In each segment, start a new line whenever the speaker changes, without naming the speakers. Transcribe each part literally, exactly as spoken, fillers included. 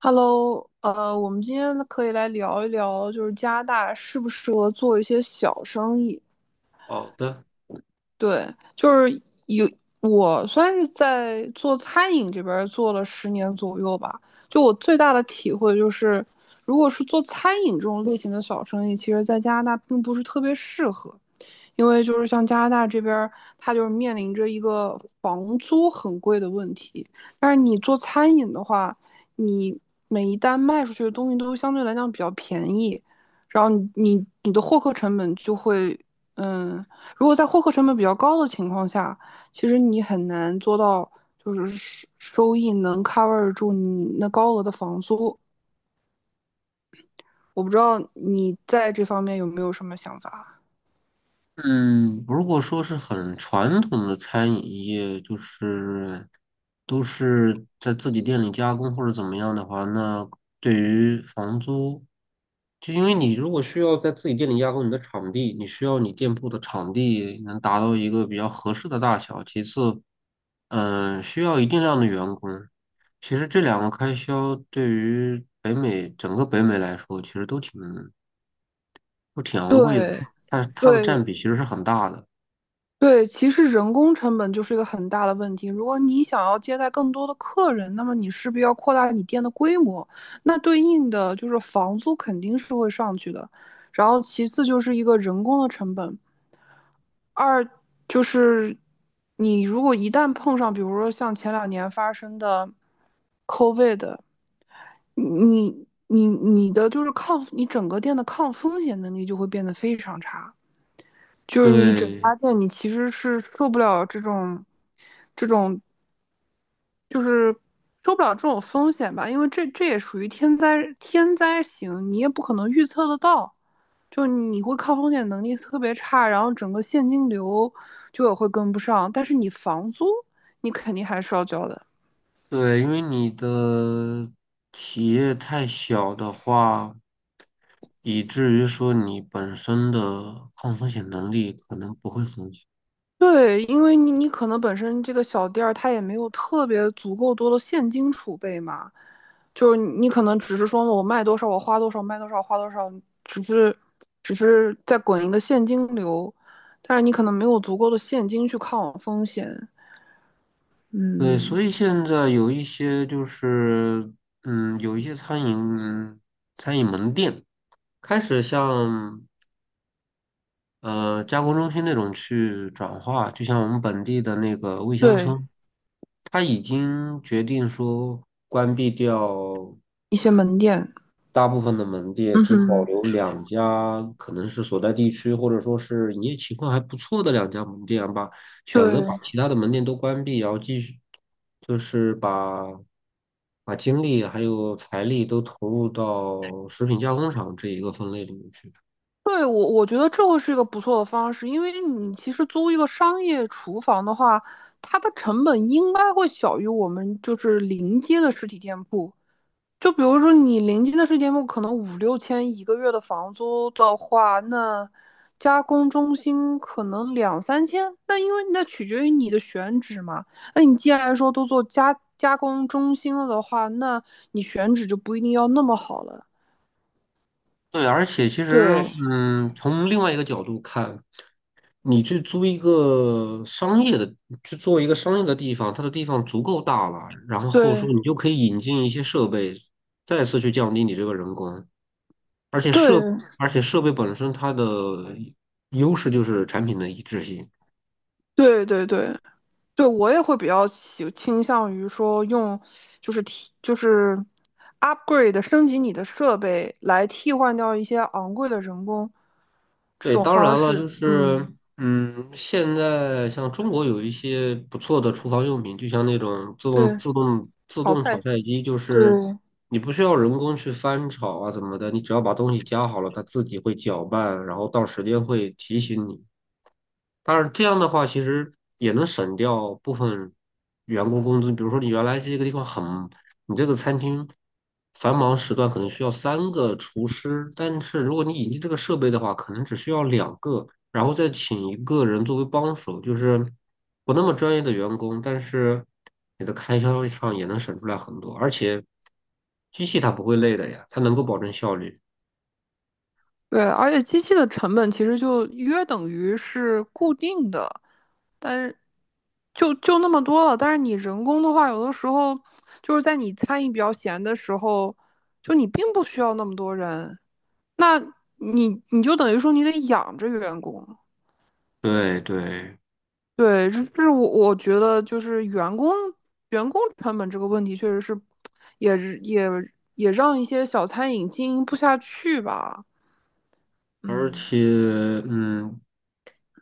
Hello，呃，我们今天可以来聊一聊，就是加拿大适不适合做一些小生意？
好的，
对，就是，有我算是在做餐饮这边儿做了十年左右吧，就我最大的体会就是，如果是做餐饮这种类型的小生意，其实在加拿大并不是特别适合。因为就是像加拿大这边儿，它就是面临着一个房租很贵的问题。但是你做餐饮的话，你每一单卖出去的东西都相对来讲比较便宜，然后你你你的获客成本就会，嗯，如果在获客成本比较高的情况下，其实你很难做到就是收收益能 cover 住你那高额的房租。我不知道你在这方面有没有什么想法？
嗯，如果说是很传统的餐饮业，就是都是在自己店里加工或者怎么样的话，那对于房租，就因为你如果需要在自己店里加工你的场地，你需要你店铺的场地能达到一个比较合适的大小，其次，嗯，需要一定量的员工。其实这两个开销对于北美整个北美来说，其实都挺不挺昂贵的，
对
但是它的占
对，
比其实是很大的。
对，其实人工成本就是一个很大的问题。如果你想要接待更多的客人，那么你势必要扩大你店的规模，那对应的就是房租肯定是会上去的。然后其次就是一个人工的成本，二就是你如果一旦碰上，比如说像前两年发生的 COVID，你你你你的就是抗，你整个店的抗风险能力就会变得非常差。就是你整
对
家店，你其实是受不了这种，这种受不了这种风险吧，因为这这也属于天灾天灾型，你也不可能预测得到，就你会抗风险能力特别差，然后整个现金流就也会跟不上，但是你房租你肯定还是要交的。
对，因为你的企业太小的话，以至于说你本身的抗风险能力可能不会很好。
对，因为你你可能本身这个小店儿它也没有特别足够多的现金储备嘛，就是你你可能只是说我卖多少我花多少卖多少花多少，只是只是在滚一个现金流，但是你可能没有足够的现金去抗风险。
对，
嗯，
所以现在有一些就是，嗯，有一些餐饮餐饮门店开始向呃，加工中心那种去转化，就像我们本地的那个味乡
对，
村，他已经决定说关闭掉
一些门店，
大部分的门店，
嗯
只保
哼，
留两家，可能是所在地区或者说是营业情况还不错的两家门店吧，选择把
对。
其他的门店都关闭，然后继续就是把把精力还有财力都投入到食品加工厂这一个分类里面去。
对，我我觉得这会是一个不错的方式，因为你其实租一个商业厨房的话，它的成本应该会小于我们就是临街的实体店铺。就比如说你临街的实体店铺可能五六千一个月的房租的话，那加工中心可能两三千。那因为那取决于你的选址嘛。那你既然说都做加加工中心了的话，那你选址就不一定要那么好了。
对，而且其实，
对
嗯，从另外一个角度看，你去租一个商业的，去做一个商业的地方，它的地方足够大了，然后说
对
你就可以引进一些设备，再次去降低你这个人工，而且设，
对
而且设备本身它的优势就是产品的一致性。
对对对，对，我也会比较倾倾向于说用，就是替就是 upgrade 升级你的设备来替换掉一些昂贵的人工这
对，
种
当
方
然了，
式。
就是，
嗯，
嗯，现在像中国有一些不错的厨房用品，就像那种自动、
对，
自动、自
淘
动炒
汰，
菜机，就
对
是你不需要人工去翻炒啊怎么的，你只要把东西加好了，它自己会搅拌，然后到时间会提醒你。当然，这样的话其实也能省掉部分员工工资。比如说，你原来这个地方很，你这个餐厅繁忙时段可能需要三个厨师，但是如果你引进这个设备的话，可能只需要两个，然后再请一个人作为帮手，就是不那么专业的员工，但是你的开销上也能省出来很多。而且机器它不会累的呀，它能够保证效率。
对，而且机器的成本其实就约等于是固定的，但是就就那么多了。但是你人工的话，有的时候就是在你餐饮比较闲的时候，就你并不需要那么多人。那你你就等于说你得养着员工，
对对。
对，这这是我我觉得就是员工员工成本这个问题，确实是也是也也让一些小餐饮经营不下去吧，
而
嗯，
且，嗯，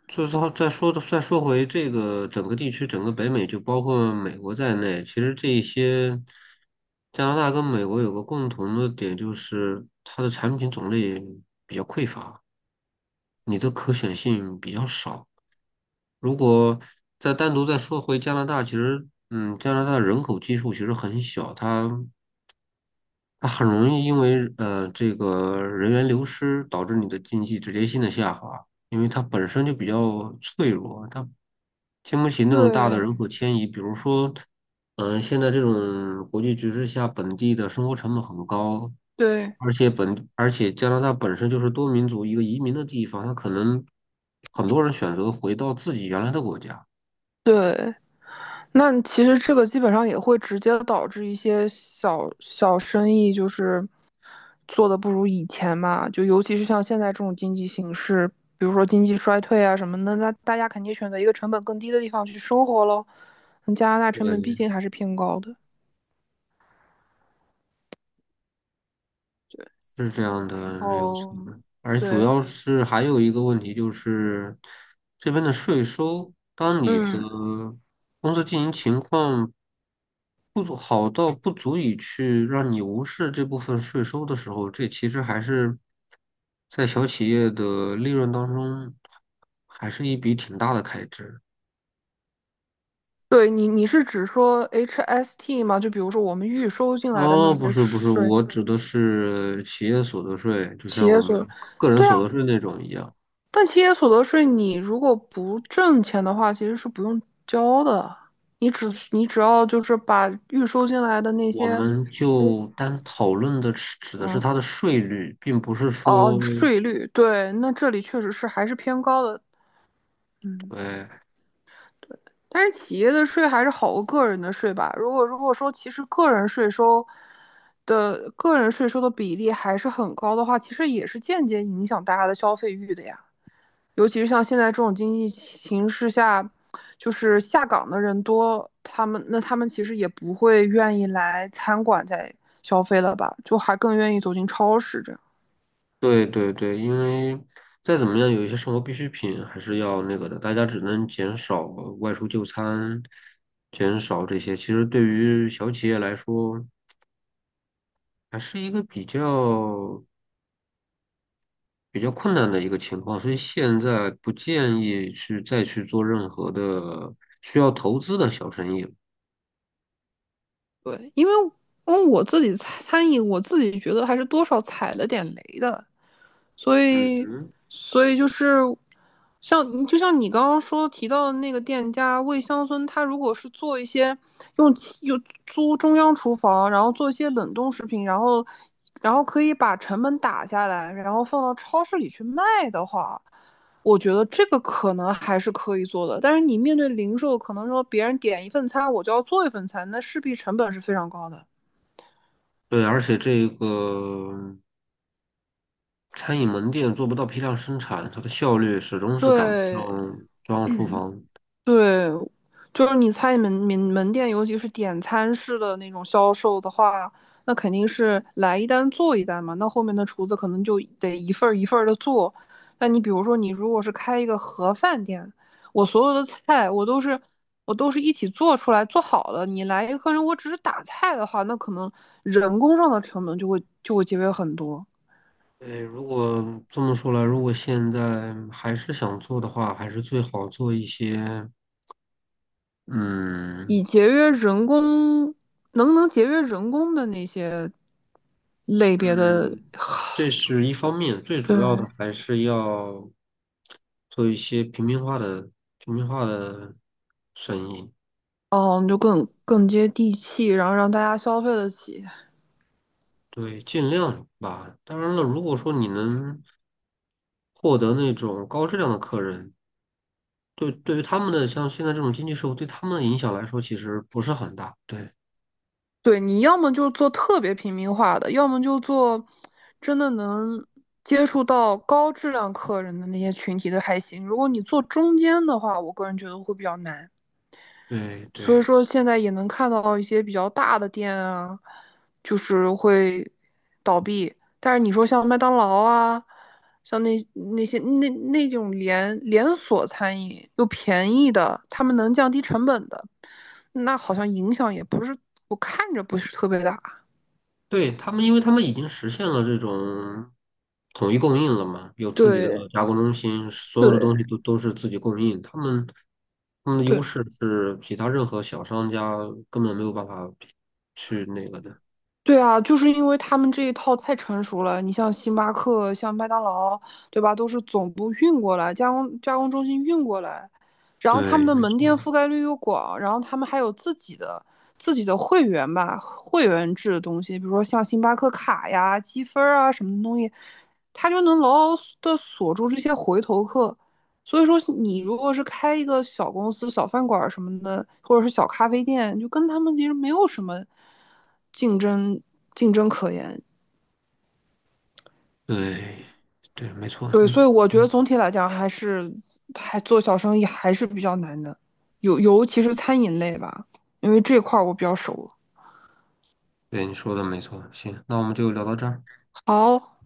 就是好再说的再说回这个整个地区，整个北美就包括美国在内，其实这一些加拿大跟美国有个共同的点，就是它的产品种类比较匮乏，你的可选性比较少。如果再单独再说回加拿大，其实，嗯，加拿大人口基数其实很小，它它很容易因为呃这个人员流失导致你的经济直接性的下滑，因为它本身就比较脆弱，它经不起那种大的人
对
口迁移。比如说，嗯、现在这种国际局势下，本地的生活成本很高，
对
而且本而且加拿大本身就是多民族一个移民的地方，它可能很多人选择回到自己原来的国家。
对。那其实这个基本上也会直接导致一些小小生意就是做的不如以前嘛，就尤其是像现在这种经济形势，比如说经济衰退啊什么的，那大家肯定选择一个成本更低的地方去生活喽。嗯加拿大成本毕
对，
竟还是偏高的。对，
是这样
然
的，没有错。
后
而主
对，
要是还有一个问题就是，这边的税收，当你的
嗯，
公司经营情况不足好到不足以去让你无视这部分税收的时候，这其实还是在小企业的利润当中，还是一笔挺大的开支。
对你你是指说 H S T 吗？就比如说我们预收进来的
哦，
那
不
些
是不是，
税，
我指的是企业所得税，就
企
像我
业
们
所，
个人
对啊，
所得税那种一样。
但企业所得税你如果不挣钱的话，其实是不用交的。你只你只要就是把预收进来的那
我
些，
们就单讨论的是指的是
嗯，
它的税率，并不是说，
哦，税率，对，那这里确实是还是偏高的，嗯。
对
但是企业的税还是好过个人的税吧？如果如果说其实个人税收的个人税收的比例还是很高的话，其实也是间接影响大家的消费欲的呀。尤其是像现在这种经济形势下，就是下岗的人多，他们那他们其实也不会愿意来餐馆再消费了吧，就还更愿意走进超市这样。
对对对，因为再怎么样，有一些生活必需品还是要那个的，大家只能减少外出就餐，减少这些。其实对于小企业来说，还是一个比较比较困难的一个情况，所以现在不建议去再去做任何的需要投资的小生意了。
对，因为因为我自己餐餐饮，我自己觉得还是多少踩了点雷的，所以，
嗯，
所以就是像就像你刚刚说提到的那个店家魏乡村，他如果是做一些用用租中央厨房，然后做一些冷冻食品，然后然后可以把成本打下来，然后放到超市里去卖的话，我觉得这个可能还是可以做的。但是你面对零售，可能说别人点一份餐，我就要做一份餐，那势必成本是非常高的。
对，而且这个。餐饮门店做不到批量生产，它的效率始终是赶不
对，
上中央厨房。
对，就是你猜门门门店，尤其是点餐式的那种销售的话，那肯定是来一单做一单嘛。那后面的厨子可能就得一份儿一份儿的做。那你比如说，你如果是开一个盒饭店，我所有的菜我都是我都是一起做出来做好的。你来一个客人，我只是打菜的话，那可能人工上的成本就会就会节约很多。
哎，如果这么说来，如果现在还是想做的话，还是最好做一些，嗯。
以节约人工，能能节约人工的那些类别的，
嗯，这是一方面，最主要
对。
的还是要做一些平民化的平民化的生意，
哦，你就更更接地气，然后让大家消费得起。
对，尽量吧。当然了，如果说你能获得那种高质量的客人。对，对于他们的像现在这种经济社会，对他们的影响来说，其实不是很大。对，
对，你要么就做特别平民化的，要么就做真的能接触到高质量客人的那些群体的还行。如果你做中间的话，我个人觉得会比较难。
对，
所以
对，
说现在也能看到一些比较大的店啊，就是会倒闭。但是你说像麦当劳啊，像那那些那那种连连锁餐饮又便宜的，他们能降低成本的。那好像影响也不是，我看着不是特别大。
对，他们，因为他们已经实现了这种统一供应了嘛，有自己的
对
加工中心，所有的东西
对
都都是自己供应。他们，他们的优
对，
势是其他任何小商家根本没有办法比去那个的。
对啊，就是因为他们这一套太成熟了。你像星巴克、像麦当劳，对吧？都是总部运过来，加工加工中心运过来，然后他
对，
们的
没
门店
错，
覆盖率又广，然后他们还有自己的自己的会员吧，会员制的东西，比如说像星巴克卡呀、积分啊什么的东西，它就能牢牢的锁住这些回头客。所以说，你如果是开一个小公司、小饭馆什么的，或者是小咖啡店，就跟他们其实没有什么竞争竞争可言。
对，对，没错，
对，所
嗯，
以我觉得
行，
总体来讲，还是还做小生意还是比较难的，尤尤其是餐饮类吧，因为这块儿我比较熟。
对，你说的没错。行，那我们就聊到这儿。
好，